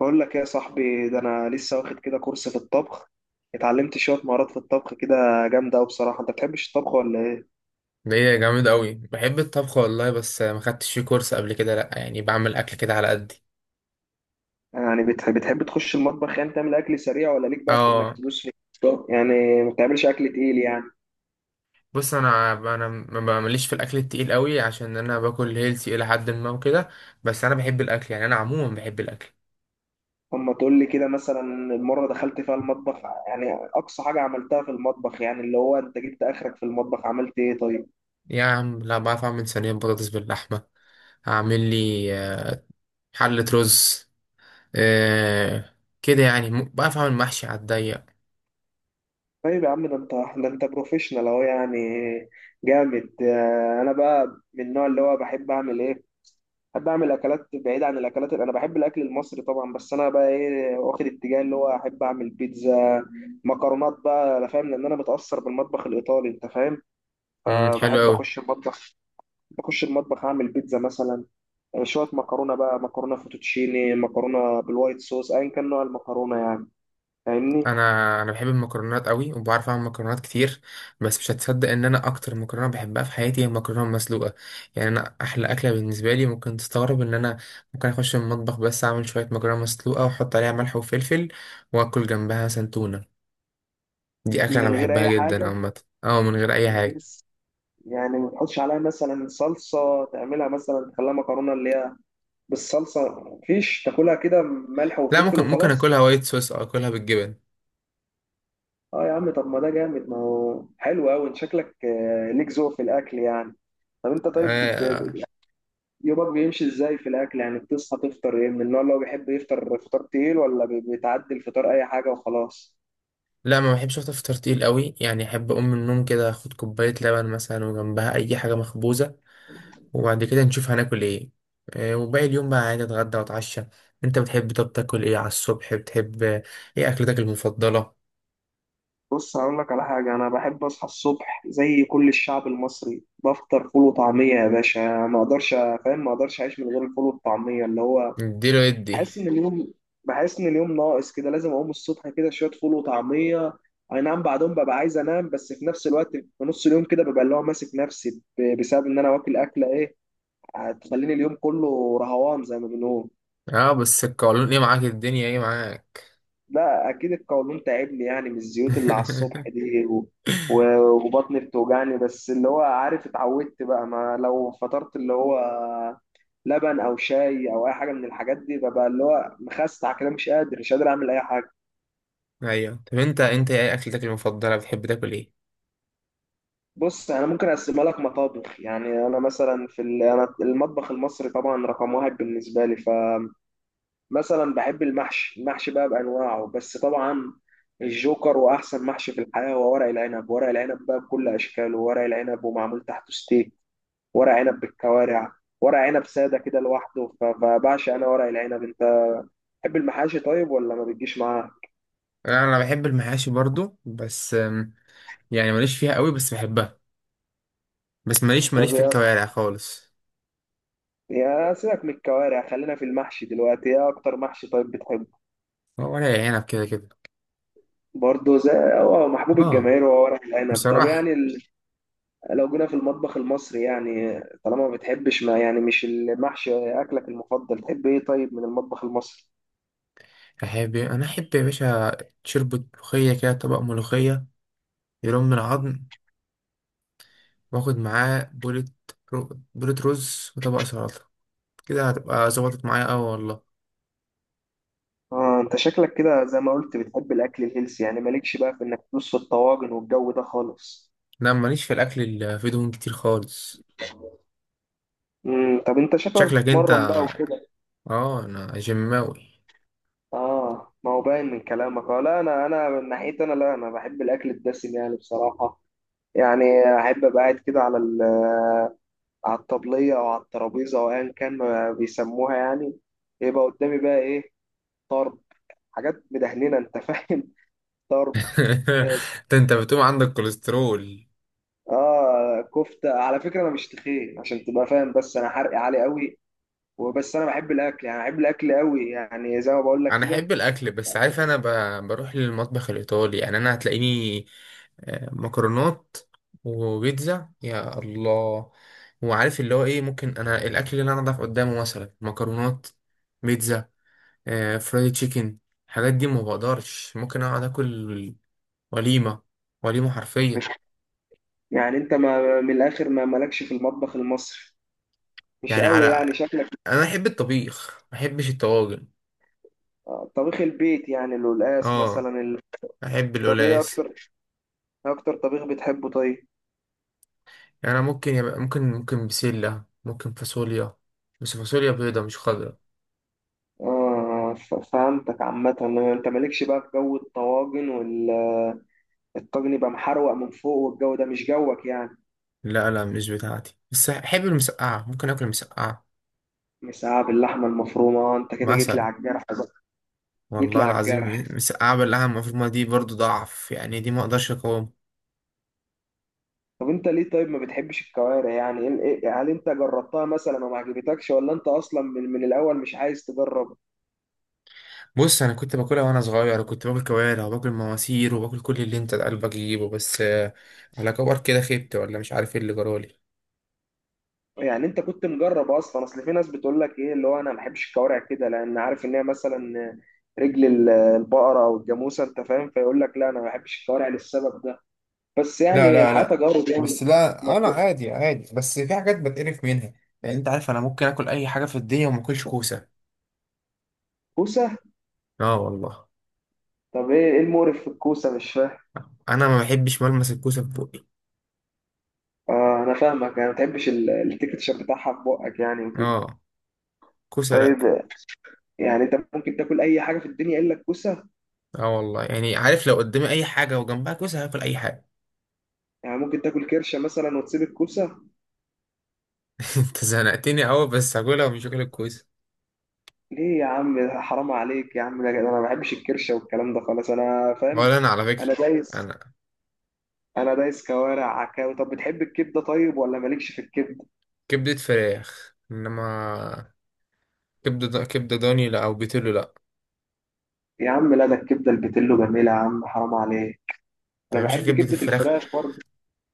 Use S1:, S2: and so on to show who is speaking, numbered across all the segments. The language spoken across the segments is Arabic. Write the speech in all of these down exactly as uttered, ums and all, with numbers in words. S1: بقول لك إيه يا صاحبي، ده انا لسه واخد كده كورس في الطبخ. اتعلمت شويه مهارات في الطبخ كده. جامده قوي بصراحه. انت بتحبش الطبخ ولا ايه؟
S2: ده ايه جامد قوي، بحب الطبخ والله، بس ما خدتش فيه كورس قبل كده. لا يعني بعمل اكل كده على قدي.
S1: يعني بتحب بتحب تخش المطبخ، يعني تعمل اكل سريع، ولا ليك بقى في انك
S2: اه،
S1: تدوس في؟ طب يعني ما بتعملش اكل تقيل يعني؟
S2: بص انا انا ما بعملش في الاكل التقيل قوي عشان انا باكل هيلثي الى حد ما وكده. بس انا بحب الاكل، يعني انا عموما بحب الاكل.
S1: اما تقول لي كده مثلا المره دخلت فيها المطبخ، يعني اقصى حاجه عملتها في المطبخ، يعني اللي هو انت جبت اخرك في المطبخ عملت ايه طيب؟
S2: يا عم لا، بعرف اعمل صينيه بطاطس باللحمه، هعمل لي آه، حله رز، آه كده يعني، م- بعرف اعمل محشي على الضيق.
S1: طيب يا عم ده انت ده انت بروفيشنال اهو يعني. جامد. آه، انا بقى من النوع اللي هو بحب اعمل ايه، بحب اعمل اكلات بعيد عن الاكلات. انا بحب الاكل المصري طبعا، بس انا بقى ايه واخد اتجاه اللي هو احب اعمل بيتزا، مكرونات بقى. انا فاهم لان انا متاثر بالمطبخ الايطالي، انت فاهم؟
S2: امم، حلو
S1: فبحب
S2: قوي.
S1: اخش المطبخ، بخش المطبخ اعمل بيتزا مثلا. آه، شويه مكرونه بقى، مكرونه فوتوتشيني، مكرونه بالوايت صوص، ايا كان نوع المكرونه يعني، فاهمني.
S2: انا انا بحب المكرونات قوي وبعرف اعمل مكرونات كتير. بس مش هتصدق ان انا اكتر مكرونه بحبها في حياتي هي المكرونه المسلوقه. يعني انا احلى اكله بالنسبه لي، ممكن تستغرب ان انا ممكن اخش المطبخ بس اعمل شويه مكرونه مسلوقه واحط عليها ملح وفلفل واكل جنبها سنتونه. دي اكله انا
S1: من غير
S2: بحبها
S1: اي
S2: جدا
S1: حاجه؟
S2: عامه. اه، من غير اي حاجه.
S1: يعني ما تحطش عليها مثلا صلصة تعملها، مثلا تخليها مكرونة اللي هي بالصلصة، مفيش، تاكلها كده ملح
S2: لا،
S1: وفلفل
S2: ممكن ممكن
S1: وخلاص؟
S2: اكلها وايت صوص او اكلها بالجبن.
S1: اه يا عم، طب ما ده جامد، ما هو حلو قوي. انت شكلك آه، ليك ذوق في الاكل يعني. طب انت طيب
S2: آه.
S1: بت- يومك بيمشي ازاي في الاكل يعني؟ بتصحى تفطر ايه؟ من النوع اللي هو بيحب يفطر فطار تقيل، ولا بي- بتعدي الفطار اي حاجة وخلاص؟
S2: لا ما بحبش افطر فطار تقيل قوي، يعني احب اقوم من النوم كده اخد كوبايه لبن مثلا وجنبها اي حاجه مخبوزه، وبعد كده نشوف هناكل ايه. آه، وباقي اليوم بقى عادي، اتغدى واتعشى. انت بتحب طب تاكل ايه على الصبح، بتحب آه، ايه اكلتك المفضلة؟
S1: بص هقول لك على حاجة، أنا بحب أصحى الصبح زي كل الشعب المصري، بفطر فول وطعمية يا باشا. ما أقدرش، فاهم، ما أقدرش أعيش من غير الفول والطعمية اللي هو،
S2: اديله ادي.
S1: بحس إن اليوم بحس إن اليوم ناقص كده. لازم أقوم الصبح كده شوية فول وطعمية. أي نعم، بعدهم ببقى عايز أنام، بس في نفس الوقت في نص اليوم كده ببقى اللي هو ماسك نفسي ب- بسبب إن أنا واكل أكلة إيه هتخليني اليوم كله رهوان زي ما بنقول.
S2: اه بس القولون ايه معاك، الدنيا ايه معاك؟
S1: لا اكيد القولون تعبني يعني، من الزيوت اللي على الصبح دي و... و... وبطني بتوجعني. بس اللي هو عارف، اتعودت بقى، ما لو فطرت اللي هو لبن او شاي او اي حاجه من الحاجات دي، ببقى اللي هو مخستع كده، مش قادر مش قادر اعمل اي حاجه.
S2: ايوه، طب انت انت ايه اكلتك المفضلة، بتحب تاكل ايه؟
S1: بص انا ممكن اقسمها لك مطابخ يعني، انا مثلا في ال... انا المطبخ المصري طبعا رقم واحد بالنسبه لي، ف مثلا بحب المحشي، المحشي بقى بانواعه، بس طبعا الجوكر واحسن محشي في الحياه هو ورق العنب. ورق العنب بقى بكل اشكاله، ورق العنب ومعمول تحته ستيك، ورق عنب بالكوارع، ورق عنب ساده كده لوحده، ف- فبعشق انا ورق العنب. انت بتحب المحاشي طيب، ولا ما بتجيش معاه؟
S2: آه، انا بحب المحاشي برضو، بس آم، يعني ماليش فيها قوي بس بحبها. بس ماليش ماليش
S1: طب
S2: في
S1: يا
S2: الكوارع خالص.
S1: يا سيبك من الكوارع، خلينا في المحشي دلوقتي. ايه اكتر محشي طيب بتحبه؟
S2: هو ولا عنب كده كده.
S1: برضه زي، هو محبوب
S2: اه،
S1: الجماهير هو ورق العنب. طب يعني
S2: بصراحة
S1: لو جينا في المطبخ المصري يعني، طالما ما بتحبش، ما يعني مش المحشي اكلك المفضل، تحب ايه طيب من المطبخ المصري؟
S2: أحب، أنا أحب يا باشا شربة ملوخية كده، طبق ملوخية يرم من العظم، وآخد معاه بولة، رو... بولة رز وطبق سلطة. كده هتبقى ظبطت معايا أوي والله.
S1: اه انت شكلك كده زي ما قلت بتحب الاكل الهيلثي يعني، مالكش بقى في انك تدوس في الطواجن والجو ده خالص.
S2: لا ماليش في الأكل اللي فيه دهون كتير خالص.
S1: امم طب انت شكلك
S2: شكلك أنت.
S1: بتتمرن بقى وكده؟
S2: آه أنا جماوي.
S1: اه ما هو باين من كلامك. اه لا انا، انا من ناحيتي، انا لا انا بحب الاكل الدسم يعني بصراحه، يعني احب ابقى قاعد كده على ال- على الطبليه او على الترابيزه او ايا كان ما بيسموها يعني، يبقى قدامي بقى ايه، طرب، حاجات مدهننه انت فاهم، طرب.
S2: ده أنت بتقوم عندك كوليسترول.
S1: اه كفته على فكره، انا مش تخين عشان تبقى فاهم، بس انا حرقي عالي قوي. وبس انا بحب الاكل يعني، بحب الاكل قوي يعني، زي ما بقول لك
S2: انا
S1: كده.
S2: احب الاكل بس عارف انا ب... بروح للمطبخ الايطالي، يعني انا هتلاقيني آه، مكرونات وبيتزا يا الله. وعارف اللي هو ايه، ممكن انا الاكل اللي انا اضعف قدامه مثلا مكرونات، بيتزا، آه، فرايد تشيكن. الحاجات دي ما بقدرش، ممكن اقعد اكل وليمه، وليمه حرفيا.
S1: مش يعني انت، ما من الاخر ما مالكش في المطبخ المصري، مش
S2: يعني
S1: قوي
S2: على،
S1: يعني شكلك.
S2: انا احب الطبيخ ما احبش الطواجن.
S1: آه، طبيخ البيت يعني القلقاس
S2: اه،
S1: مثلا ال-
S2: احب
S1: طب ايه
S2: القلقاس.
S1: اكتر، إيه اكتر طبيخ بتحبه طيب؟
S2: يعني أنا ممكن يبقى ممكن ممكن بسلة، ممكن فاصوليا، بس فاصوليا بيضة مش خضرا.
S1: اه ف- فهمتك عامة. انت مالكش بقى في جو الطواجن، والطاجن يبقى محروق من فوق والجو ده مش جوك يعني.
S2: لا لا، مش بتاعتي، بس أحب المسقعة، ممكن آكل مسقعة
S1: مساعة باللحمة المفرومة، آه، انت كده جيت لي
S2: مثلا.
S1: على الجرح بقى. جيت لي
S2: والله
S1: على الجرح.
S2: العظيم مسقعة بلها المفروض، ما دي برضو ضعف يعني، دي ما أقدرش أقاوم.
S1: طب انت ليه طيب ما بتحبش الكوارع يعني؟ ايه- ايه- هل انت جربتها مثلا وما عجبتكش، ولا انت اصلا من, من الاول مش عايز تجرب؟
S2: بص أنا كنت باكلها وأنا صغير، وكنت باكل كوارع وباكل مواسير وباكل كل اللي أنت قلبك يجيبه. بس آه، على كبر كده خبت ولا مش عارف إيه اللي جرالي.
S1: يعني انت كنت مجرب اصلا؟ اصل في ناس بتقول لك ايه، اللي هو انا ما بحبش الكوارع كده، لان عارف ان هي مثلا رجل ال- البقرة او الجاموسة انت فاهم، فيقول لك لا انا ما بحبش الكوارع للسبب ده. بس
S2: لا
S1: يعني
S2: لا
S1: الحياة
S2: لا،
S1: تجارب يعني.
S2: بس
S1: ما
S2: لا أنا
S1: ت-
S2: عادي عادي بس في حاجات بتقرف منها. يعني أنت عارف أنا ممكن آكل أي حاجة في الدنيا وما آكلش كوسة.
S1: كوسة.
S2: اه والله.
S1: طب ايه، ايه المقرف في الكوسة، مش فاهم؟
S2: انا ما بحبش ملمس الكوسه في بوقي.
S1: آه انا فاهمك، يعني ما بتحبش ال- التكتشر بتاعها في بقك يعني وكده.
S2: اه، كوسه لا.
S1: طيب يعني انت ممكن تاكل اي حاجه في الدنيا الا الكوسه؟
S2: اه والله، يعني عارف لو قدامي اي حاجه وجنبها كوسه هاكل اي حاجه.
S1: يعني ممكن تاكل كرشه مثلا وتسيب الكوسه؟
S2: انت زنقتني قوي، بس هاكلها ومش هاكل الكوسه.
S1: ليه يا عم ده حرام عليك يا عم، ده ده انا ما بحبش الكرشه والكلام ده خالص، انا فاهم.
S2: ولا انا على فكره.
S1: انا دايس
S2: انا،
S1: انا دايس كوارع عكاوي. طب بتحب الكبده طيب، ولا مالكش في الكبده؟
S2: كبده فراخ انما، كبده ض- كبده ضاني لا، او بيتلو لا.
S1: يا عم لا، ده الكبده البتلو جميله يا عم، حرام عليك.
S2: طب
S1: انا
S2: يا باشا
S1: بحب
S2: كبده
S1: كبده
S2: الفراخ.
S1: الفراخ برضه.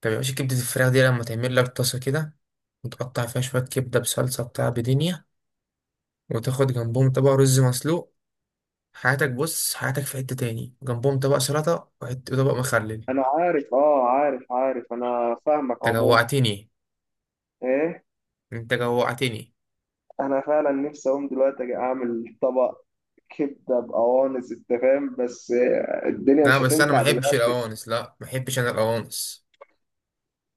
S2: طب يا باشا كبده الفراخ دي لما تعمل لك طاسه كده، وتقطع فيها شويه كبده بصلصه بتاع بدنيا، وتاخد جنبهم طبق رز مسلوق، حياتك، بص حياتك في حتة تاني، جنبهم طبق سلطة وحت- وطبق مخلل.
S1: انا عارف، اه عارف عارف انا فاهمك
S2: انت
S1: عموما.
S2: جوعتني.
S1: ايه؟
S2: انت جوعتني.
S1: انا فعلا نفسي اقوم دلوقتي أجي اعمل طبق كبده بقوانص، انت فاهم، بس الدنيا
S2: لا
S1: مش
S2: بس انا ما
S1: هتنفع
S2: احبش
S1: دلوقتي.
S2: القوانص، لا ما احبش انا القوانص.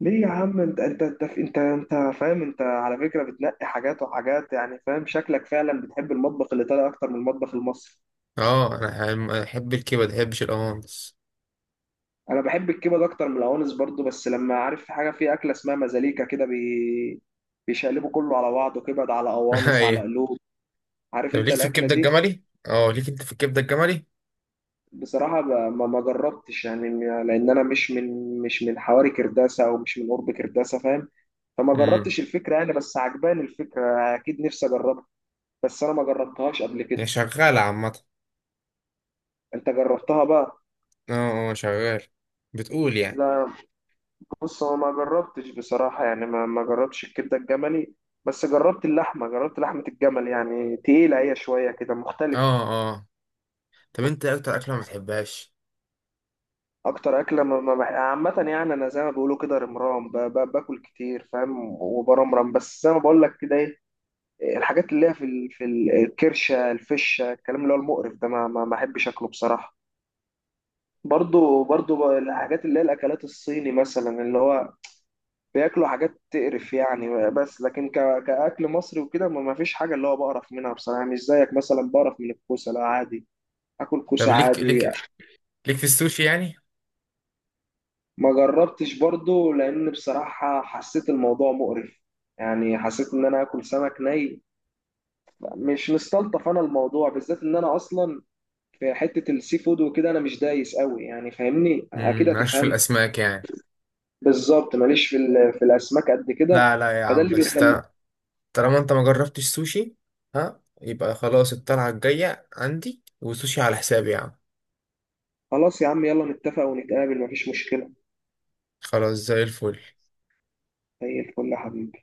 S1: ليه يا عم؟ انت انت انت انت انت فاهم، انت على فكره بتنقي حاجات وحاجات يعني، فاهم؟ شكلك فعلا بتحب المطبخ الايطالي اكتر من المطبخ المصري.
S2: اه انا احب الكبد ما احبش القوانص.
S1: انا بحب الكبد اكتر من القوانص برضو، بس لما عارف في حاجه، في اكله اسمها مزاليكا كده، بي... بيشقلبوا كله على بعضه، كبد على قوانص على
S2: ايه؟
S1: قلوب. عارف
S2: طب
S1: انت
S2: ليك في
S1: الاكله
S2: الكبدة
S1: دي؟
S2: الجملي؟ اه ليك انت في الكبدة الجملي؟
S1: بصراحة ما ما ما جربتش يعني، م- لأن أنا مش من، مش من حواري كرداسة، أو مش من قرب كرداسة فاهم، فما
S2: امم.
S1: جربتش الفكرة يعني، بس عجباني الفكرة، أكيد نفسي أجربها. بس أنا ما جربتهاش قبل
S2: هي
S1: كده.
S2: شغالة عامة.
S1: أنت جربتها بقى؟
S2: اه اه، شغال. بتقول يعني.
S1: لا. بص هو ما جربتش بصراحة، يعني ما ما جربتش الكبدة الجملي، بس جربت اللحمة، جربت لحمة الجمل يعني تقيلة، هي شوية كده مختلف.
S2: اه. اه. طب انت إيه اكتر اكلة ما بتحبهاش؟
S1: أكتر أكلة ما ما بح... عامة يعني، أنا زي ما بيقولوا كده رمرام، ب... ب... باكل كتير فاهم، وبرمرم. بس زي ما بقول لك كده، إيه الحاجات اللي هي في ال- في ال- الكرشه، الفشه، الكلام اللي هو المقرف ده، ما ما ما بحبش اكله بصراحه. برضو، برضو ب- الحاجات اللي هي الاكلات الصيني مثلا، اللي هو بياكلوا حاجات تقرف يعني، بس لكن ك... كاكل مصري وكده ما ما فيش حاجه اللي هو بقرف منها بصراحه. مش زيك مثلا بقرف من الكوسه، لا عادي، اكل
S2: طب
S1: كوسه
S2: ليك
S1: عادي.
S2: ليك ليك في السوشي يعني؟
S1: ما جربتش برضو لان بصراحه حسيت الموضوع مقرف، يعني حسيت ان انا اكل سمك ني، مش مستلطف انا الموضوع بالذات، ان انا اصلا في حته السي فود وكده انا مش دايس قوي يعني، فاهمني
S2: امم،
S1: اكيد
S2: مالكش في
S1: هتفهم.
S2: الاسماك يعني.
S1: بالظبط ماليش في ال- في الاسماك قد كده،
S2: لا لا يا
S1: فده
S2: عم،
S1: اللي
S2: بس
S1: بيخلي.
S2: طالما انت ما جربتش سوشي، ها، يبقى خلاص الطلعة الجاية عندي وسوشي على حسابي يا عم.
S1: خلاص يا عم يلا نتفق ونتقابل، مفيش مشكله.
S2: خلاص، زي الفل.
S1: زي الفل يا حبيبي.